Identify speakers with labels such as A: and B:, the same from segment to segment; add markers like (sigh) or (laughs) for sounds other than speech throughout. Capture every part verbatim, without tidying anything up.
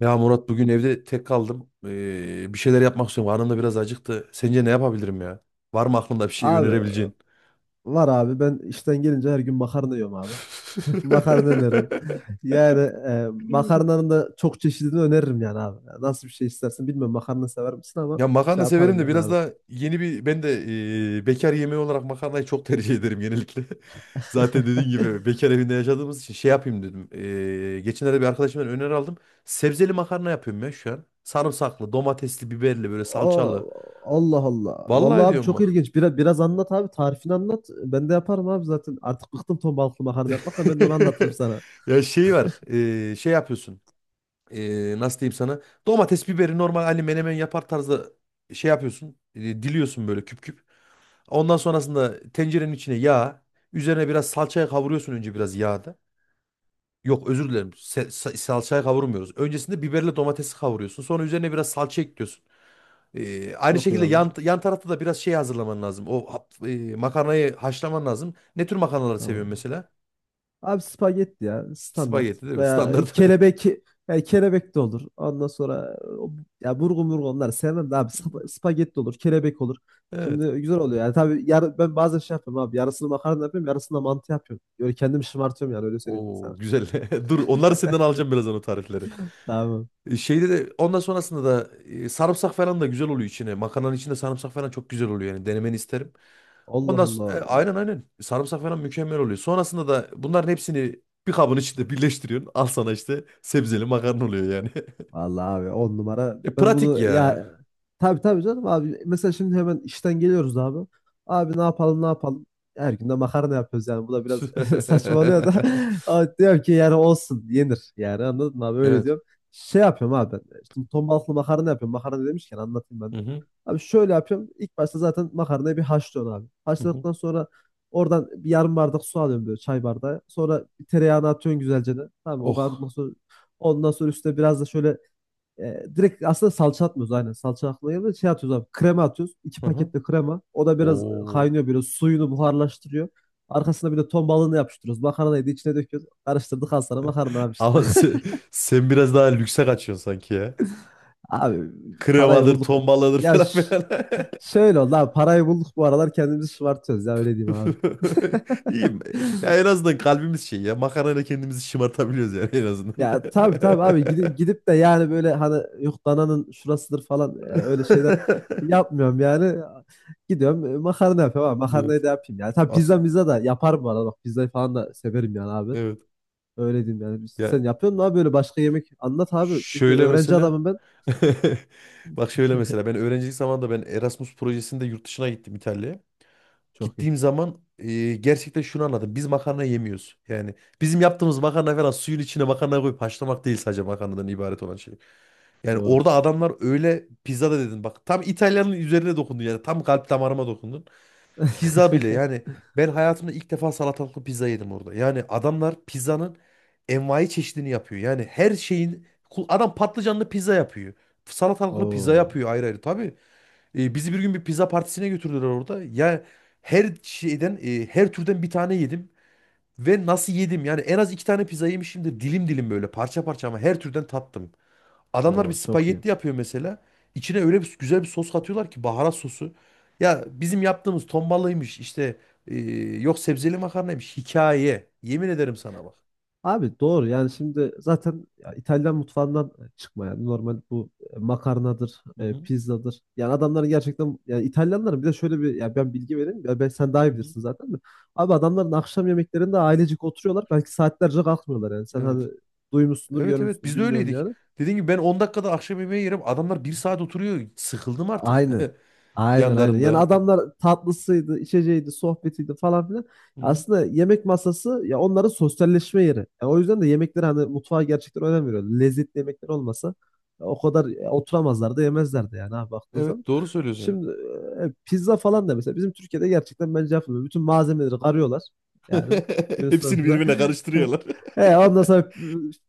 A: Ya Murat bugün evde tek kaldım. Ee, bir şeyler yapmak istiyorum. Karnım da biraz acıktı. Sence ne yapabilirim ya? Var mı aklında bir şey
B: Abi
A: önerebileceğin?
B: var abi ben işten gelince her gün makarna yiyorum abi. (laughs) Makarna öneririm.
A: (laughs)
B: Yani e, makarnanın da çok çeşidini öneririm yani abi. Yani nasıl bir şey istersin bilmiyorum, makarna sever misin, ama
A: Ya
B: şey
A: makarna severim
B: yaparım
A: de
B: yani
A: biraz
B: abi.
A: da yeni bir ben de ee, bekar yemeği olarak makarnayı çok tercih ederim genellikle. (laughs) Zaten dediğin
B: (laughs)
A: gibi bekar evinde yaşadığımız için şey yapayım dedim. Ee, geçenlerde bir arkadaşımdan öneri aldım. Sebzeli makarna yapıyorum ya şu an. Sarımsaklı, domatesli, biberli, böyle salçalı.
B: O, Allah Allah. Vallahi
A: Vallahi
B: abi
A: diyorum
B: çok
A: bak.
B: ilginç. Biraz, biraz anlat abi, tarifini anlat. Ben de yaparım abi zaten. Artık bıktım ton balıklı makarna yapmakla, ben de onu anlatırım
A: (laughs)
B: sana.
A: Ya şey var, ee, şey yapıyorsun. E, nasıl diyeyim sana, domates biberi normal hani menemen yapar tarzda şey yapıyorsun, e, diliyorsun böyle küp küp. Ondan sonrasında tencerenin içine yağ, üzerine biraz salçaya kavuruyorsun önce biraz yağda. Yok özür dilerim, Se- sa- salçaya kavurmuyoruz. Öncesinde biberle domatesi kavuruyorsun, sonra üzerine biraz salça ekliyorsun. E, aynı
B: Çok iyi
A: şekilde
B: abi.
A: yan, yan tarafta da biraz şey hazırlaman lazım. O hap- e, makarnayı haşlaman lazım. Ne tür makarnaları seviyorsun
B: Tamam.
A: mesela?
B: Abi spagetti ya, standart.
A: Spagetti değil mi?
B: Veya e,
A: Standart. (laughs)
B: kelebek, yani kelebek de olur. Ondan sonra o- ya burgu murgu, onları sevmem de abi spa- spagetti olur, kelebek olur.
A: Evet.
B: Şimdi güzel oluyor yani, tabii yar- ben bazen şey yapıyorum abi, yarısını makarna yapıyorum yarısını da mantı yapıyorum. Böyle kendimi şımartıyorum, yani öyle söyleyeyim ben
A: Oo
B: sana.
A: güzel. (laughs) Dur, onları senden alacağım birazdan, o tarifleri.
B: Tamam.
A: E, Şeyde de ondan sonrasında da e, sarımsak falan da güzel oluyor içine. Makarnanın içinde sarımsak falan çok güzel oluyor yani, denemeni isterim.
B: Allah
A: Ondan s- e,
B: Allah.
A: aynen aynen sarımsak falan mükemmel oluyor. Sonrasında da bunların hepsini bir kabın içinde birleştiriyorsun. Al sana işte sebzeli makarna oluyor yani. (laughs)
B: Vallahi abi on numara.
A: E,
B: Ben
A: pratik
B: bunu
A: ya.
B: ya, tabii tabii canım abi. Mesela şimdi hemen işten geliyoruz abi. Abi ne yapalım ne yapalım. Her gün de makarna yapıyoruz yani. Bu da biraz (laughs)
A: (laughs)
B: saçmalıyor da. (laughs) Ama diyorum ki yani olsun, yenir. Yani anladın mı abi, öyle
A: Evet.
B: diyorum. Şey yapıyorum abi ben. Şimdi ton balıklı makarna yapıyorum. Makarna demişken anlatayım
A: Hı
B: ben de.
A: hı.
B: Abi şöyle yapıyorum. İlk başta zaten makarnayı bir haşlıyorum abi.
A: Hı hı.
B: Haşladıktan sonra oradan bir yarım bardak su alıyorum, böyle çay bardağı. Sonra bir tereyağını atıyorsun güzelce de. Tamam, o
A: Oh.
B: kavrulmasın. Ondan sonra üstüne biraz da şöyle e, direkt aslında salça atmıyoruz, aynen. Salça atmıyoruz. Geldi. Şey atıyoruz abi. Krema atıyoruz. İki
A: Hı hı.
B: paket de krema. O da biraz
A: Oo.
B: kaynıyor böyle. Suyunu buharlaştırıyor. Arkasına bir de ton balığını yapıştırıyoruz. Makarnayı da içine döküyoruz. Karıştırdık, al sana makarna abi işte.
A: Ama sen, sen biraz daha lükse kaçıyorsun sanki ya.
B: (laughs) Abi parayı
A: Kremadır,
B: bulduk. bu-
A: ton balığıdır
B: Ya
A: falan
B: ş-
A: filan. (laughs)
B: şöyle oldu abi. Parayı bulduk bu aralar, kendimizi şımartıyoruz ya, öyle diyeyim abi.
A: (laughs)
B: (laughs)
A: İyiyim. Ya en azından kalbimiz şey ya. Makarayla kendimizi şımartabiliyoruz yani, en azından.
B: Ya tabii tabii abi, gidip, gidip de yani böyle hani yok dananın şurasıdır falan, ya öyle şeyler
A: (laughs)
B: yapmıyorum yani. Gidiyorum e, makarna yapıyorum abi,
A: Evet.
B: makarnayı da yapayım yani. Tabii
A: Asıl.
B: pizza pizza da yaparım bu arada, bak pizzayı falan da severim yani abi.
A: Evet.
B: Öyle diyeyim yani.
A: Ya
B: Sen yapıyor musun abi, böyle başka yemek anlat abi. Çünkü
A: şöyle
B: öğrenci
A: mesela.
B: adamım ben.
A: (laughs) Bak şöyle mesela, ben öğrencilik zamanında ben Erasmus projesinde yurt dışına gittim, İtalya'ya.
B: Çok iyi.
A: Gittiğim zaman e, gerçekten şunu anladım. Biz makarna yemiyoruz. Yani bizim yaptığımız makarna falan, suyun içine makarna koyup haşlamak değil, sadece makarnadan ibaret olan şey. Yani
B: Doğru.
A: orada adamlar, öyle pizza da dedin. Bak tam İtalyanın üzerine dokundun yani. Tam kalp damarıma dokundun. Pizza bile yani, ben hayatımda ilk defa salatalıklı pizza yedim orada. Yani adamlar pizzanın envai çeşidini yapıyor. Yani her şeyin kul-, adam patlıcanlı pizza yapıyor. Salatalıklı pizza
B: Oo,
A: yapıyor ayrı ayrı. Tabii e, bizi bir gün bir pizza partisine götürdüler orada. Ya her şeyden e, her türden bir tane yedim. Ve nasıl yedim? Yani en az iki tane pizza yemişimdir. Dilim dilim böyle, parça parça, ama her türden tattım. Adamlar bir
B: oo çok iyi.
A: spagetti yapıyor mesela. İçine öyle bir güzel bir sos katıyorlar ki, baharat sosu. Ya bizim yaptığımız tombalıymış işte, e, yok sebzeli makarnaymış, hikaye. Yemin ederim sana bak.
B: Abi doğru yani şimdi zaten, ya İtalyan mutfağından e, çıkma yani, normal bu e, makarnadır,
A: Hı
B: e,
A: hı.
B: pizzadır. Yani adamların gerçekten, yani İtalyanların bir de şöyle bir, ya ben bilgi vereyim ya, ben sen daha iyi
A: Hı hı.
B: bilirsin zaten de. Abi adamların akşam yemeklerinde ailecik oturuyorlar, belki saatlerce kalkmıyorlar yani. Sen hani
A: Evet.
B: duymuşsundur,
A: Evet evet,
B: görmüşsündür
A: biz de
B: bilmiyorum
A: öyleydik.
B: yani.
A: Dediğim gibi ben on dakikada akşam yemeği yerim. Adamlar bir saat oturuyor. Sıkıldım artık
B: Aynen.
A: (laughs)
B: Aynen aynen. Yani
A: yanlarında.
B: adamlar tatlısıydı, içeceğiydi, sohbetiydi falan filan.
A: Hı hı.
B: Aslında yemek masası ya onların sosyalleşme yeri. Ya o yüzden de yemekler, hani mutfağa gerçekten önem veriyor. Lezzetli yemekler olmasa ya o kadar e, oturamazlardı, yemezlerdi yani ha, baktığın zaman.
A: Evet, doğru söylüyorsun.
B: Şimdi e, e, pizza falan da mesela bizim Türkiye'de gerçekten bence yapılmıyor. Bütün malzemeleri arıyorlar
A: (laughs)
B: yani günün
A: Hepsini
B: sonunda.
A: birbirine
B: (laughs)
A: karıştırıyorlar. (laughs)
B: E, ondan sonra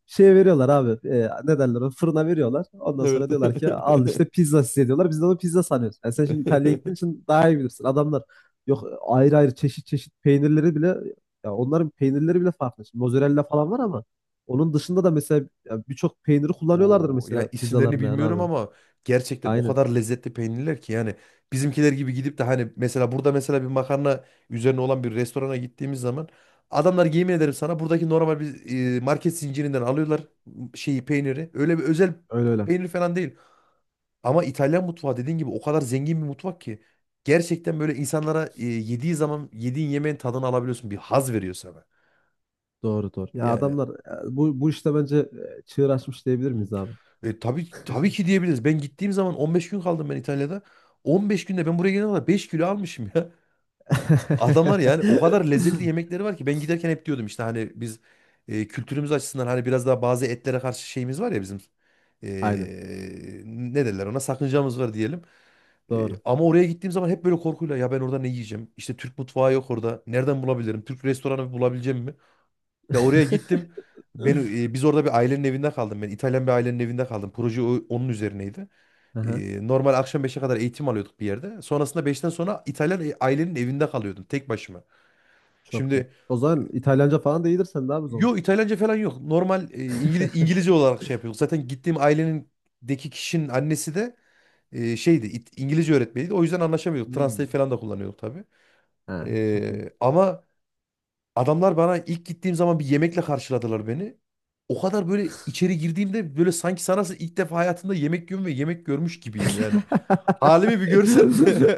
B: şeye veriyorlar abi. E, ne derler ona? Fırına veriyorlar. Ondan sonra
A: Evet.
B: diyorlar ki al işte pizza size, diyorlar. Biz de onu pizza sanıyoruz. Yani sen şimdi İtalya'ya gittiğin
A: (laughs)
B: için daha iyi bilirsin. Adamlar yok ayrı ayrı çeşit çeşit peynirleri bile, ya onların peynirleri bile farklı. Şimdi mozzarella falan var ama onun dışında da mesela ya birçok peyniri kullanıyorlardır
A: O ya,
B: mesela
A: isimlerini
B: pizzalarında yani
A: bilmiyorum
B: abi.
A: ama gerçekten o
B: Aynen.
A: kadar lezzetli peynirler ki yani. Bizimkiler gibi gidip de hani, mesela burada mesela bir makarna üzerine olan bir restorana gittiğimiz zaman, adamlar yemin ederim sana, buradaki normal bir e, market zincirinden alıyorlar şeyi, peyniri. Öyle bir özel
B: Öyle öyle.
A: peynir falan değil. Ama İtalyan mutfağı dediğin gibi, o kadar zengin bir mutfak ki, gerçekten böyle insanlara e, yediği zaman, yediğin yemeğin tadını alabiliyorsun. Bir haz veriyor sana.
B: Doğru doğru. Ya
A: Yani.
B: adamlar e, bu bu işte bence e, çığır açmış diyebilir
A: Hmm.
B: miyiz abi?
A: E, tabii tabii ki diyebiliriz. Ben gittiğim zaman on beş gün kaldım ben, İtalya'da. on beş günde ben buraya gelene kadar beş kilo almışım ya. (laughs) Adamlar yani o kadar lezzetli
B: (laughs)
A: yemekleri var ki, ben giderken hep diyordum, işte hani biz e, kültürümüz açısından hani biraz daha bazı etlere karşı şeyimiz var ya bizim.
B: Aynen.
A: E, Ne derler ona, sakıncamız var diyelim. E,
B: Doğru.
A: ama oraya gittiğim zaman hep böyle korkuyla, ya ben orada ne yiyeceğim? İşte Türk mutfağı yok orada. Nereden bulabilirim? Türk restoranı bulabileceğim mi? Ya oraya gittim. Ben e, biz orada bir ailenin evinde kaldım. Ben İtalyan bir ailenin evinde kaldım. Proje o- onun üzerineydi.
B: (laughs)
A: E, normal akşam beşe kadar eğitim alıyorduk bir yerde. Sonrasında beşten sonra İtalyan e- ailenin evinde kalıyordum tek başıma.
B: Çok iyi.
A: Şimdi
B: O zaman İtalyanca falan da iyidir sen de abi o zaman.
A: yo, İtalyanca falan yok. Normal e, İngiliz,
B: (laughs)
A: İngilizce olarak şey yapıyorduk. Zaten gittiğim ailenindeki kişinin annesi de e, şeydi, İt- İngilizce öğretmeniydi. O yüzden anlaşamıyorduk. Translate
B: Hmm.
A: falan da kullanıyorduk tabii.
B: Ha, çok iyi.
A: E, ama adamlar bana ilk gittiğim zaman bir yemekle karşıladılar beni. O kadar böyle, içeri girdiğimde böyle sanki sana ilk defa hayatımda yemek yiyorum ve yemek görmüş gibiyim yani.
B: (laughs)
A: Halimi bir görsen. (laughs)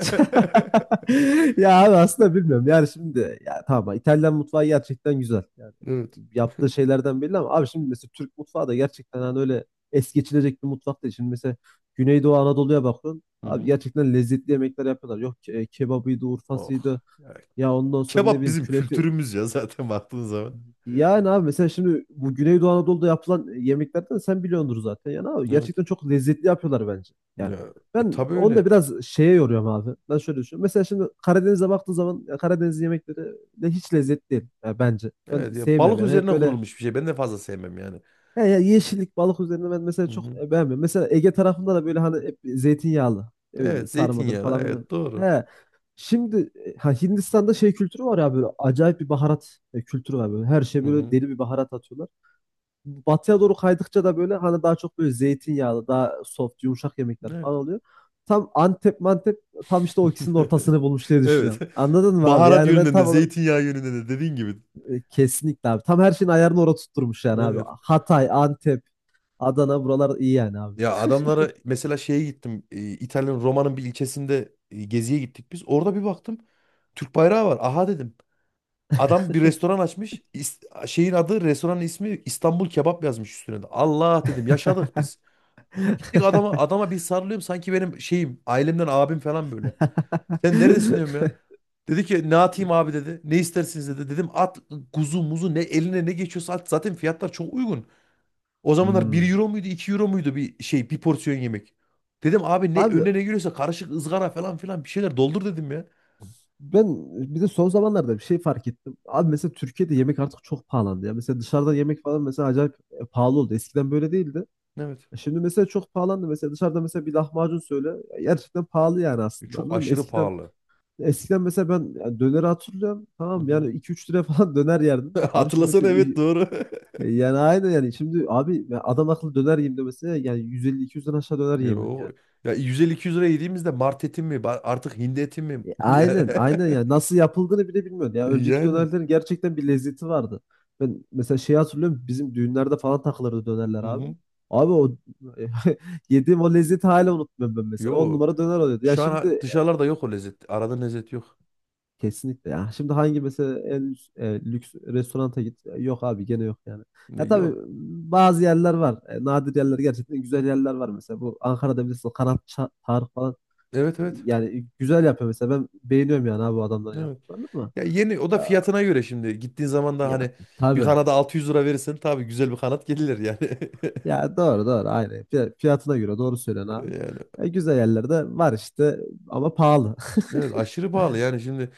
B: Ya abi aslında bilmiyorum. Yani şimdi ya, tamam, İtalyan mutfağı gerçekten güzel. Yani
A: Evet.
B: yaptığı şeylerden belli ama abi şimdi mesela Türk mutfağı da gerçekten hani öyle es geçilecek bir mutfak değil. Şimdi mesela Güneydoğu Anadolu'ya bakıyorsun.
A: Hı
B: Abi
A: hı.
B: gerçekten lezzetli yemekler yapıyorlar. Yok ke- kebabıydı,
A: Oh.
B: urfasıydı.
A: Ya
B: Ya ondan sonra ne
A: kebap
B: bileyim
A: bizim
B: künefi.
A: kültürümüz ya zaten, baktığın zaman.
B: Yani abi mesela şimdi bu Güneydoğu Anadolu'da yapılan yemeklerden sen biliyordur zaten. Yani abi
A: Evet.
B: gerçekten çok lezzetli yapıyorlar bence. Yani
A: Ya, e,
B: ben
A: tabii
B: onu da
A: öyle.
B: biraz şeye yoruyorum abi. Ben şöyle düşünüyorum. Mesela şimdi Karadeniz'e baktığın zaman, ya Karadeniz yemekleri de hiç lezzetli değil ya bence. Ben
A: Evet ya,
B: sevmiyorum
A: balık
B: yani. Hep
A: üzerine
B: böyle,
A: kurulmuş bir şey. Ben de fazla sevmem yani.
B: ya ya yeşillik balık üzerine, ben mesela
A: Hı
B: çok
A: hı.
B: e, beğenmiyorum. Mesela Ege tarafında da böyle hani hep zeytinyağlı. Ne bileyim
A: Evet
B: sarmadır
A: zeytinyağlı,
B: falan filan.
A: evet doğru.
B: He. Şimdi e, ha, Hindistan'da şey kültürü var ya, böyle acayip bir baharat e, kültürü var böyle. Her şey
A: Hı
B: böyle
A: hı.
B: deli bir baharat atıyorlar, batıya doğru kaydıkça da böyle hani daha çok böyle zeytinyağlı, daha soft, yumuşak yemekler
A: Evet.
B: falan oluyor. Tam Antep mantep, tam işte o ikisinin ortasını
A: (laughs)
B: bulmuş diye
A: Evet.
B: düşünüyorum. Anladın mı abi?
A: Baharat
B: Yani ben
A: yönünden de,
B: tam olarak
A: zeytinyağı yönünden de dediğin gibi.
B: e, kesinlikle abi. Tam her şeyin ayarını orada tutturmuş yani abi.
A: Evet.
B: Hatay, Antep, Adana buralar iyi yani abi.
A: Ya adamlara mesela şeye gittim. e, İtalya'nın Roma'nın bir ilçesinde e, geziye gittik biz. Orada bir baktım. Türk bayrağı var. Aha dedim. Adam bir restoran açmış. İs- Şeyin adı, restoranın ismi İstanbul Kebap yazmış üstüne de. Allah dedim, yaşadık biz. Gittik adama, adama bir sarılıyorum, sanki benim şeyim, ailemden abim falan böyle. Sen neredesin diyorum ya.
B: (laughs) (laughs)
A: Dedi ki ne atayım abi dedi. Ne istersiniz dedi. Dedim at, kuzu muzu ne eline ne geçiyorsa at. Zaten fiyatlar çok uygun. O zamanlar bir
B: Hmm.
A: euro muydu, iki euro muydu, bir şey, bir porsiyon yemek. Dedim abi, ne
B: Abi
A: önüne ne giriyorsa karışık ızgara falan filan, bir şeyler doldur dedim ya.
B: ben bir de son zamanlarda bir şey fark ettim. Abi mesela Türkiye'de yemek artık çok pahalandı ya. Mesela dışarıda yemek falan mesela acayip e, pahalı oldu. Eskiden böyle değildi.
A: Evet.
B: E Şimdi mesela çok pahalandı. Mesela dışarıda mesela bir lahmacun söyle. Ya gerçekten pahalı yani
A: E,
B: aslında,
A: Çok
B: anladın mı?
A: aşırı
B: Eskiden
A: pahalı.
B: eskiden mesela ben ya döneri hatırlıyorum.
A: Hı
B: Tamam
A: hı.
B: yani iki üç liraya falan (laughs) döner yerdim.
A: (laughs)
B: Abi şimdi
A: Hatırlasana,
B: mesela
A: evet
B: y-
A: doğru. (laughs)
B: yani aynı, yani şimdi abi ya adam akıllı döner yiyeyim de mesela yani yüz elli iki yüzden aşağı döner yemiyor
A: Yo.
B: yani.
A: Ya yüz elli iki yüz lira yediğimizde mart eti mi ba-, artık hindi eti mi?
B: E,
A: (laughs)
B: Aynen, aynen ya. Nasıl yapıldığını bile bilmiyorum. Ya önceki
A: Yani.
B: dönerlerin gerçekten bir lezzeti vardı. Ben mesela şeyi hatırlıyorum. Bizim düğünlerde falan takılırdı dönerler
A: Hı
B: abi.
A: hı.
B: Abi o (laughs) yediğim o lezzeti hala unutmuyorum ben mesela. On
A: Yo.
B: numara döner oluyordu. Ya
A: Şu an ha-
B: şimdi
A: dışarılarda yok o lezzet. Arada lezzet yok.
B: kesinlikle ya. Şimdi hangi mesela en lüks, e, lüks restoranta git. E, Yok abi gene yok yani.
A: E,
B: Ya tabii
A: Yok.
B: bazı yerler var. E, nadir yerler gerçekten güzel yerler var mesela. Bu Ankara'da bilirsin, Kanat Ça- Tarık falan.
A: Evet evet.
B: Yani güzel yapıyor mesela. Ben beğeniyorum yani abi bu adamların
A: Evet.
B: yaptıklarını ama.
A: Ya yeni o da fiyatına göre şimdi. Gittiğin zaman da
B: Ya
A: hani, bir
B: tabii.
A: kanada altı yüz lira verirsen tabii güzel bir kanat gelir yani. (laughs)
B: Ya doğru doğru aynı. Fiy- Fiyatına göre doğru söylüyorsun abi.
A: Yani
B: Ya, güzel yerlerde var işte ama pahalı.
A: evet, aşırı pahalı yani şimdi.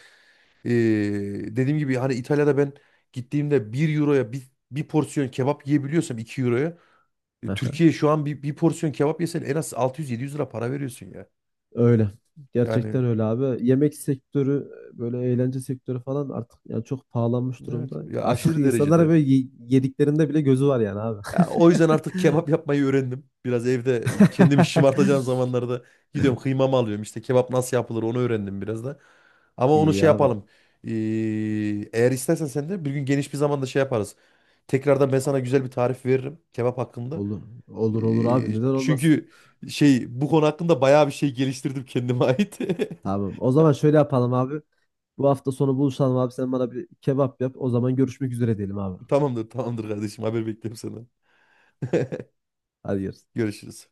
A: eee, Dediğim gibi hani, İtalya'da ben gittiğimde bir euroya, bir, bir porsiyon kebap yiyebiliyorsam, iki euroya,
B: (laughs)
A: e,
B: Aha,
A: Türkiye şu an bir, bir porsiyon kebap yesen en az altı yüz yedi yüz lira para veriyorsun ya.
B: öyle.
A: Yani
B: Gerçekten öyle abi. Yemek sektörü böyle eğlence sektörü falan artık yani çok pahalanmış
A: evet
B: durumda.
A: ya,
B: Artık (laughs)
A: aşırı
B: insanlara
A: derecede.
B: böyle ye- yediklerinde bile gözü var yani abi.
A: Ya, o yüzden artık kebap yapmayı öğrendim. Biraz evde kendimi şımartacağım
B: (laughs)
A: zamanlarda gidiyorum, kıymamı alıyorum. İşte kebap nasıl yapılır onu öğrendim biraz da. Ama onu
B: İyi
A: şey
B: abi.
A: yapalım. Ee, Eğer istersen sen de bir gün geniş bir zamanda şey yaparız. Tekrardan ben sana güzel bir tarif veririm kebap hakkında.
B: Olur. Olur olur abi.
A: Ee,
B: Neden olmasın?
A: çünkü şey, bu konu hakkında bayağı bir şey geliştirdim kendime ait. (laughs)
B: Tamam. O zaman şöyle yapalım abi. Bu hafta sonu buluşalım abi. Sen bana bir kebap yap. O zaman görüşmek üzere diyelim abi.
A: Tamamdır, tamamdır kardeşim. Haber bekliyorum senden. (laughs)
B: Hadi görüşürüz.
A: Görüşürüz.